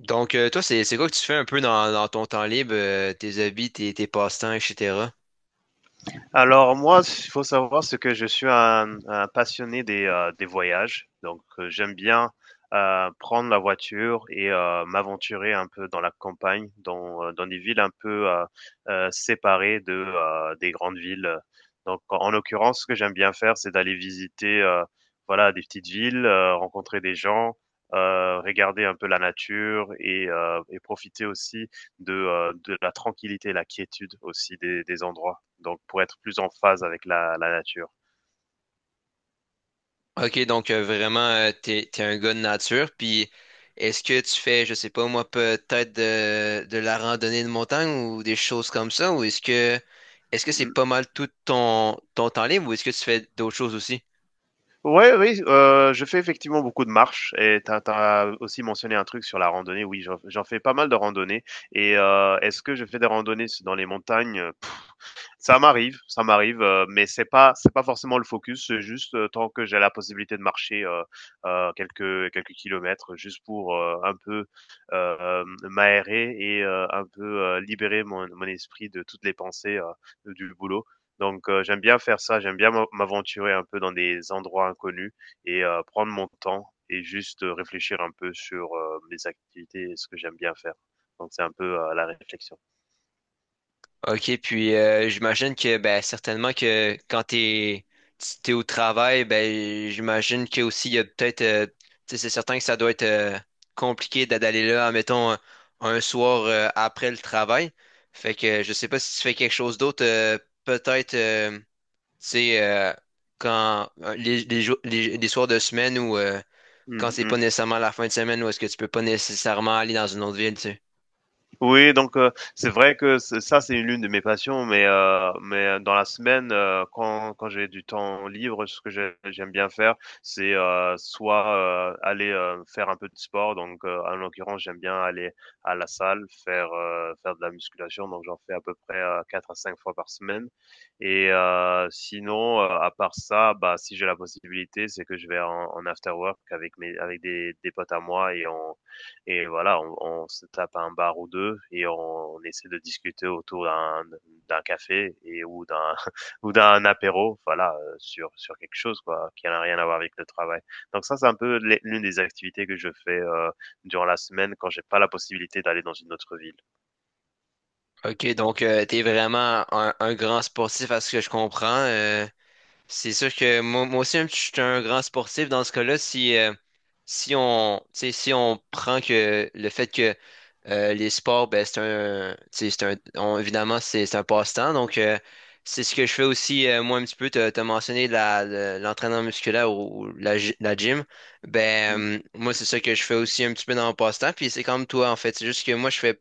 Donc, toi, c'est quoi que tu fais un peu dans ton temps libre, tes hobbies, tes passe-temps, etc. Alors moi, il faut savoir c'est que je suis un passionné des voyages, donc j'aime bien prendre la voiture et m'aventurer un peu dans la campagne, dans des villes un peu séparées des grandes villes. Donc en l'occurrence, ce que j'aime bien faire, c'est d'aller visiter voilà, des petites villes, rencontrer des gens, regarder un peu la nature et et profiter aussi de la tranquillité et la quiétude aussi des endroits donc pour être plus en phase avec la nature. Ok, donc, vraiment, t'es un gars de nature. Puis, est-ce que tu fais, je sais pas moi, peut-être de la randonnée de montagne ou des choses comme ça, ou est-ce que c'est pas mal tout ton temps libre, ou est-ce que tu fais d'autres choses aussi? Oui, oui, je fais effectivement beaucoup de marches et tu as, aussi mentionné un truc sur la randonnée. Oui, j'en fais pas mal de randonnées. Et est-ce que je fais des randonnées dans les montagnes? Ça m'arrive, mais c'est pas forcément le focus, c'est juste, tant que j'ai la possibilité de marcher, quelques kilomètres juste pour, un peu, m'aérer et un peu, libérer mon esprit de toutes les pensées, du boulot. Donc j'aime bien faire ça, j'aime bien m'aventurer un peu dans des endroits inconnus et prendre mon temps et juste, réfléchir un peu sur, mes activités et ce que j'aime bien faire. Donc c'est un peu, la réflexion. OK, puis, j'imagine que ben certainement que quand t'es au travail, ben j'imagine que aussi il y a peut-être, tu sais, c'est certain que ça doit être, compliqué d'aller là, admettons, un soir, après le travail. Fait que je sais pas si tu fais quelque chose d'autre, peut-être, tu sais, quand, les soirs de semaine ou, quand c'est pas Mmh. nécessairement la fin de semaine ou est-ce que tu peux pas nécessairement aller dans une autre ville, tu sais. Oui, donc c'est vrai que c ça, c'est l'une de mes passions, mais dans la semaine, quand j'ai du temps libre, ce que j'aime bien faire, c'est, soit, aller, faire un peu de sport, donc en l'occurrence, j'aime bien aller à la salle, faire, faire de la musculation, donc j'en fais à peu près, 4 fois par semaine à 5 fois par semaine et sinon, à part ça, bah, si j'ai la possibilité, c'est que je vais en after work avec mes avec des potes à moi et voilà, on se tape à un bar ou deux et on essaie de discuter autour d'un café et ou d'un ou d'un apéro, voilà, sur quelque chose quoi, qui n'a rien à voir avec le travail. Donc ça, c'est un peu l'une des activités que je fais durant la semaine quand j'ai pas la possibilité d'aller dans une autre ville. OK, donc, t'es vraiment un grand sportif à ce que je comprends. C'est sûr que moi, moi aussi, je suis un grand sportif dans ce cas-là. Si on, tu sais, si on prend que le fait que, les sports, ben, c'est un, tu sais, c'est un, évidemment, c'est un passe-temps. Donc, c'est ce que je fais aussi, moi, un petit peu. T'as mentionné l'entraînement musculaire ou la gym. Mm, Ben, moi, c'est ça que je fais aussi un petit peu dans mon passe-temps. Puis c'est comme toi, en fait. C'est juste que moi, je fais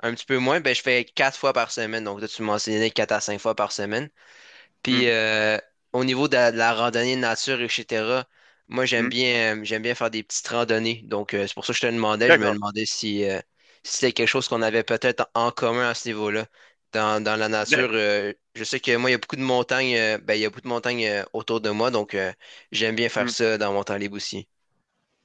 un petit peu moins, ben, je fais quatre fois par semaine. Donc, là, tu mentionnais quatre à cinq fois par semaine. mm, Puis, au niveau de la randonnée de nature, etc., moi, mm. J'aime bien faire des petites randonnées. Donc, c'est pour ça que je te demandais, je me D'accord. demandais si c'était quelque chose qu'on avait peut-être en commun à ce niveau-là. Dans la Mais, nature, je sais que moi, il y a beaucoup de montagnes, ben, il y a beaucoup de montagnes, autour de moi. Donc, j'aime bien faire mm. ça dans mon temps libre aussi.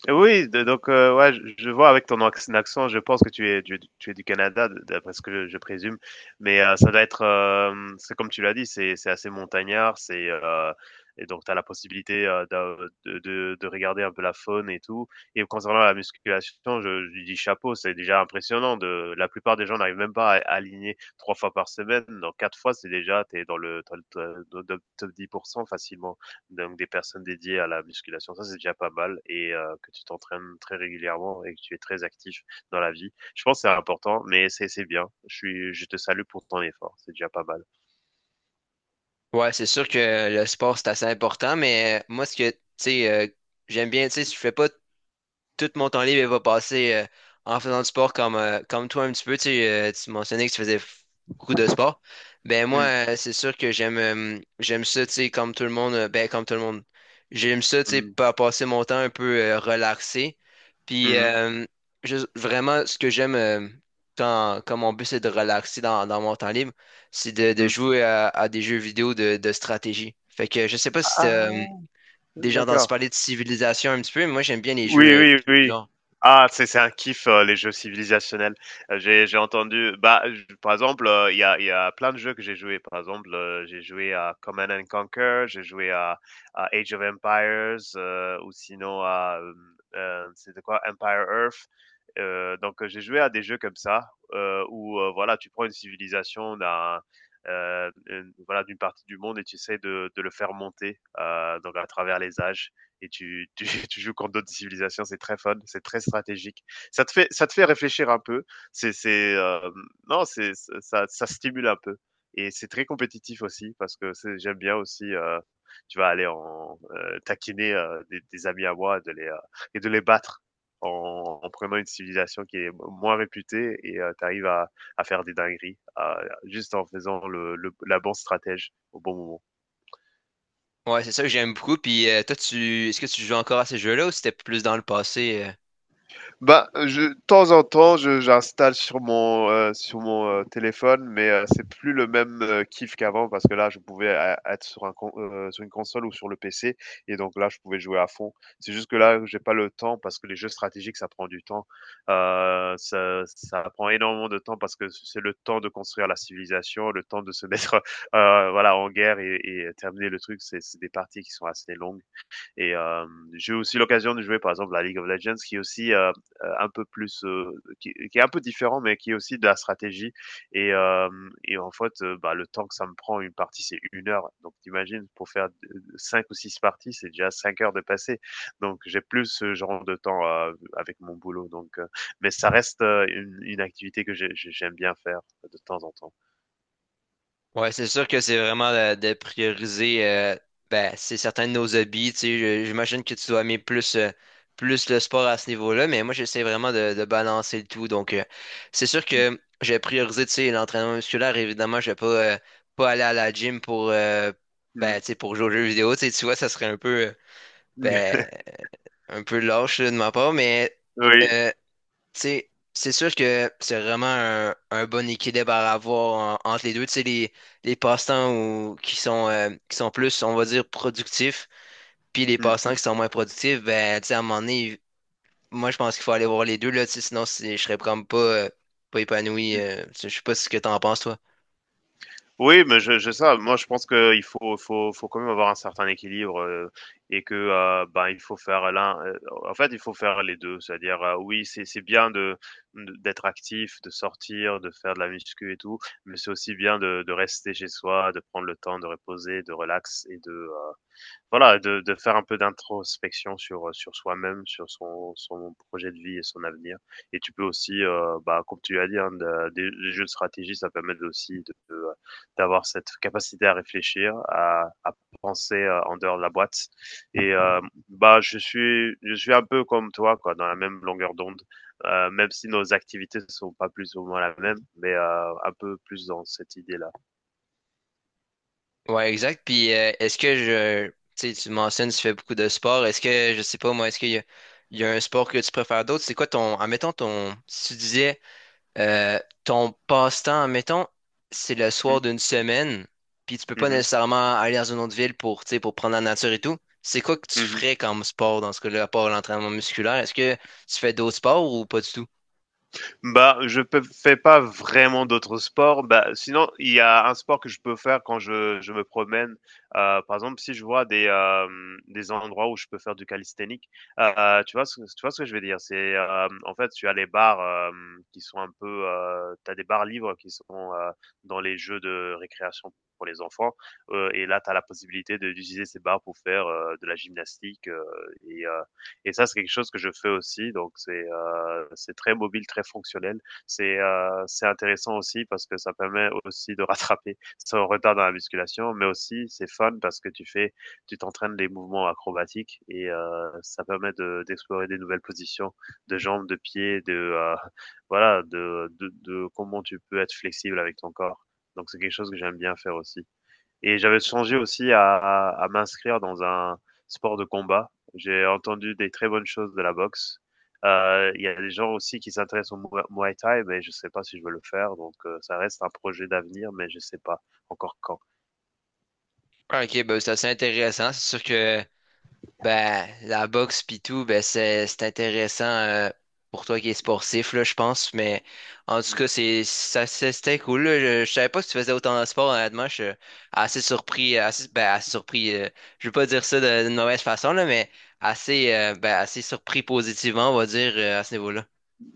Oui, donc ouais, je vois avec ton accent, je pense que tu es du Canada, d'après ce que je présume. Mais ça doit être, c'est comme tu l'as dit, c'est assez montagnard, c'est et donc tu as la possibilité de regarder un peu la faune et tout. Et concernant la musculation, je dis chapeau, c'est déjà impressionnant. De la plupart des gens n'arrivent même pas à aligner 3 fois par semaine. Donc 4 fois, c'est déjà t'es dans dans le top 10% facilement donc des personnes dédiées à la musculation. Ça, c'est déjà pas mal et que tu t'entraînes très régulièrement et que tu es très actif dans la vie. Je pense que c'est important, mais c'est bien. Je te salue pour ton effort, c'est déjà pas mal. Ouais, c'est sûr que le sport, c'est assez important, mais, moi, ce que, tu sais, j'aime bien, tu sais, je fais pas tout mon temps libre il va passer, en faisant du sport comme toi un petit peu. Sais, tu mentionnais que tu faisais beaucoup de sport. Ben moi, Mmh. C'est sûr que j'aime ça, tu sais, comme tout le monde. Ben, comme tout le monde. J'aime ça, tu sais, Mmh. Passer mon temps un peu, relaxé. Puis, Mmh. Juste vraiment, ce que j'aime, quand mon but, c'est de relaxer dans mon temps libre, c'est de Mmh. jouer à des jeux vidéo de stratégie. Fait que je sais pas si t'as, Ah! déjà entendu D'accord. parler de civilisation un petit peu, mais moi j'aime bien Oui, les oui, jeux du oui. genre. Ah, c'est un kiff, les jeux civilisationnels. J'ai entendu bah, j par exemple, il y a plein de jeux que j'ai joué. Par exemple, j'ai joué à Command and Conquer, j'ai joué à Age of Empires, ou sinon à, c'était quoi? Empire Earth. Donc j'ai joué à des jeux comme ça, où, voilà, tu prends une civilisation une voilà, d'une partie du monde et tu essaies de le faire monter, donc à travers les âges et tu joues contre d'autres civilisations. C'est très fun, c'est très stratégique. Ça te fait réfléchir un peu. C'est, c'est, euh, non, ça stimule un peu. Et c'est très compétitif aussi parce que j'aime bien aussi. Tu vas aller en taquiner des amis à moi et de les battre en prenant une civilisation qui est moins réputée et tu arrives à faire des dingueries juste en faisant la bonne stratège au bon moment. Ouais, c'est ça que j'aime beaucoup. Puis, toi, tu est-ce que tu joues encore à ces jeux-là ou c'était plus dans le passé? Bah, je de temps en temps, je j'installe sur mon téléphone, mais, c'est plus le même, kiff qu'avant parce que là, je pouvais ê être sur une console ou sur le PC et donc là, je pouvais jouer à fond. C'est juste que là, j'ai pas le temps parce que les jeux stratégiques, ça prend du temps. Ça prend énormément de temps parce que c'est le temps de construire la civilisation, le temps de se mettre, voilà, en guerre et terminer le truc. C'est des parties qui sont assez longues. Et j'ai eu aussi l'occasion de jouer par exemple la League of Legends qui est aussi un peu plus qui est un peu différent mais qui est aussi de la stratégie et euh, et en fait bah, le temps que ça me prend une partie c'est 1 heure donc t'imagines pour faire 5 ou 6 parties c'est déjà 5 heures de passé donc j'ai plus ce genre de temps avec mon boulot donc mais ça reste une activité que j'aime bien faire de temps en temps. Ouais, c'est sûr que c'est vraiment, prioriser, ben, c'est certains de nos hobbies. Tu sais, j'imagine que tu dois aimer plus le sport à ce niveau-là, mais moi j'essaie vraiment de balancer le tout. Donc, c'est sûr Mm. que j'ai priorisé, tu sais, l'entraînement musculaire, évidemment, je vais pas aller à la gym pour, ben, tu sais, pour jouer aux jeux vidéo. Tu sais, tu vois, ça serait un peu, ben, un peu lâche là, de ma part, mais. Oui. euh, Tu sais, c'est sûr que c'est vraiment un bon équilibre à avoir entre les deux. Tu sais, les passe-temps qui sont plus, on va dire, productifs, puis les Mm. passe-temps qui sont moins productifs, ben, tu sais, à un moment donné, moi, je pense qu'il faut aller voir les deux, là, tu sais, sinon, je serais comme pas épanoui. Tu sais, je sais pas ce que t'en penses, toi. Oui, mais je ça. Moi, je pense qu'il faut quand même avoir un certain équilibre et que ben, il faut faire l'un. En fait, il faut faire les deux. C'est-à-dire, oui, c'est bien de d'être actif, de sortir, de faire de la muscu et tout, mais c'est aussi bien de rester chez soi, de prendre le temps de reposer, de relax et de voilà, de faire un peu d'introspection sur, sur soi-même, sur son projet de vie et son avenir et tu peux aussi, bah, comme tu l'as dit, hein, de des les jeux de stratégie, ça permet de aussi d'avoir cette capacité à réfléchir, à penser, en dehors de la boîte et bah, je suis un peu comme toi, quoi, dans la même longueur d'onde, même si nos activités ne sont pas plus ou moins la même, mais un peu plus dans cette idée-là. Ouais, exact. Puis, tu sais, tu mentionnes, tu fais beaucoup de sport. Est-ce que, je sais pas, moi, est-ce qu'il y a, il y a un sport que tu préfères d'autres? C'est quoi ton, admettons, ton, si tu disais, ton passe-temps, mettons, c'est le soir Mmh. d'une semaine, puis tu peux Mmh pas mh. nécessairement aller dans une autre ville pour, tu sais, pour prendre la nature et tout. C'est quoi que tu Mmh. ferais comme sport dans ce cas-là, à part l'entraînement musculaire? Est-ce que tu fais d'autres sports ou pas du tout? Bah, fais pas vraiment d'autres sports. Bah, sinon, il y a un sport que je peux faire quand je me promène. Par exemple, si je vois des endroits où je peux faire du calisthénique, tu vois tu vois ce que je veux dire? C'est, en fait, tu as les bars qui sont un peu, tu des bars libres qui sont dans les jeux de récréation pour les enfants. Et là, tu as la possibilité d'utiliser ces bars pour faire de la gymnastique et euh, et ça, c'est quelque chose que je fais aussi. Donc, c'est très mobile, très fonctionnel. C'est intéressant aussi parce que ça permet aussi de rattraper son retard dans la musculation, mais aussi c'est fun parce que tu fais, tu t'entraînes des mouvements acrobatiques et ça permet de d'explorer des nouvelles positions de jambes, de pieds, de voilà, de comment tu peux être flexible avec ton corps. Donc c'est quelque chose que j'aime bien faire aussi. Et j'avais songé aussi à m'inscrire dans un sport de combat. J'ai entendu des très bonnes choses de la boxe. Il y a des gens aussi qui s'intéressent au Muay Thai, mais je sais pas si je veux le faire, donc ça reste un projet d'avenir, mais je sais pas encore quand. Ah, ok, ben, c'est assez intéressant. C'est sûr que ben, la boxe pis tout, ben c'est intéressant, pour toi qui es sportif, là, je pense. Mais en tout cas, c'était cool, là. Je savais pas que tu faisais autant de sport, honnêtement. Je suis assez surpris. Je veux pas dire ça d'une mauvaise façon, là, mais assez surpris positivement, on va dire, à ce niveau-là.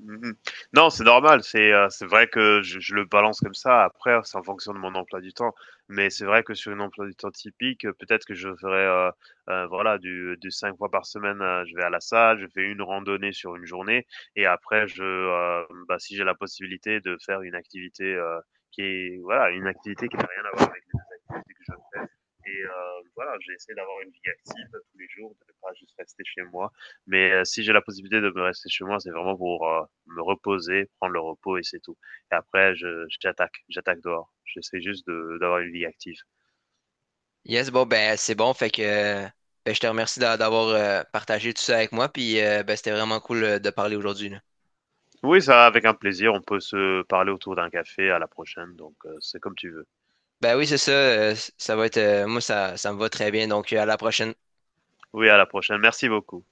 Mmh. Non, c'est normal, c'est vrai que je le balance comme ça. Après, c'est en fonction de mon emploi du temps. Mais c'est vrai que sur une emploi du temps typique, peut-être que je ferai voilà du 5 fois par semaine, je vais à la salle, je fais une randonnée sur une journée et après je, bah, si j'ai la possibilité de faire une activité, qui est voilà, une activité qui n'a rien à voir avec l'activité que je et voilà, j'ai essayé d'avoir une vie active tous les jours, de ne pas juste rester chez moi. Mais si j'ai la possibilité de me rester chez moi, c'est vraiment pour me reposer, prendre le repos et c'est tout. Et après, j'attaque dehors. J'essaie juste d'avoir une vie active. Yes, bon ben c'est bon, fait que, ben, je te remercie d'avoir, partagé tout ça avec moi, puis, ben c'était vraiment cool, de parler aujourd'hui, là. Oui, ça, avec un plaisir. On peut se parler autour d'un café à la prochaine. Donc, c'est comme tu veux. Ben oui, c'est ça. Ça va être. Moi, ça me va très bien. Donc, à la prochaine. Oui, à la prochaine. Merci beaucoup.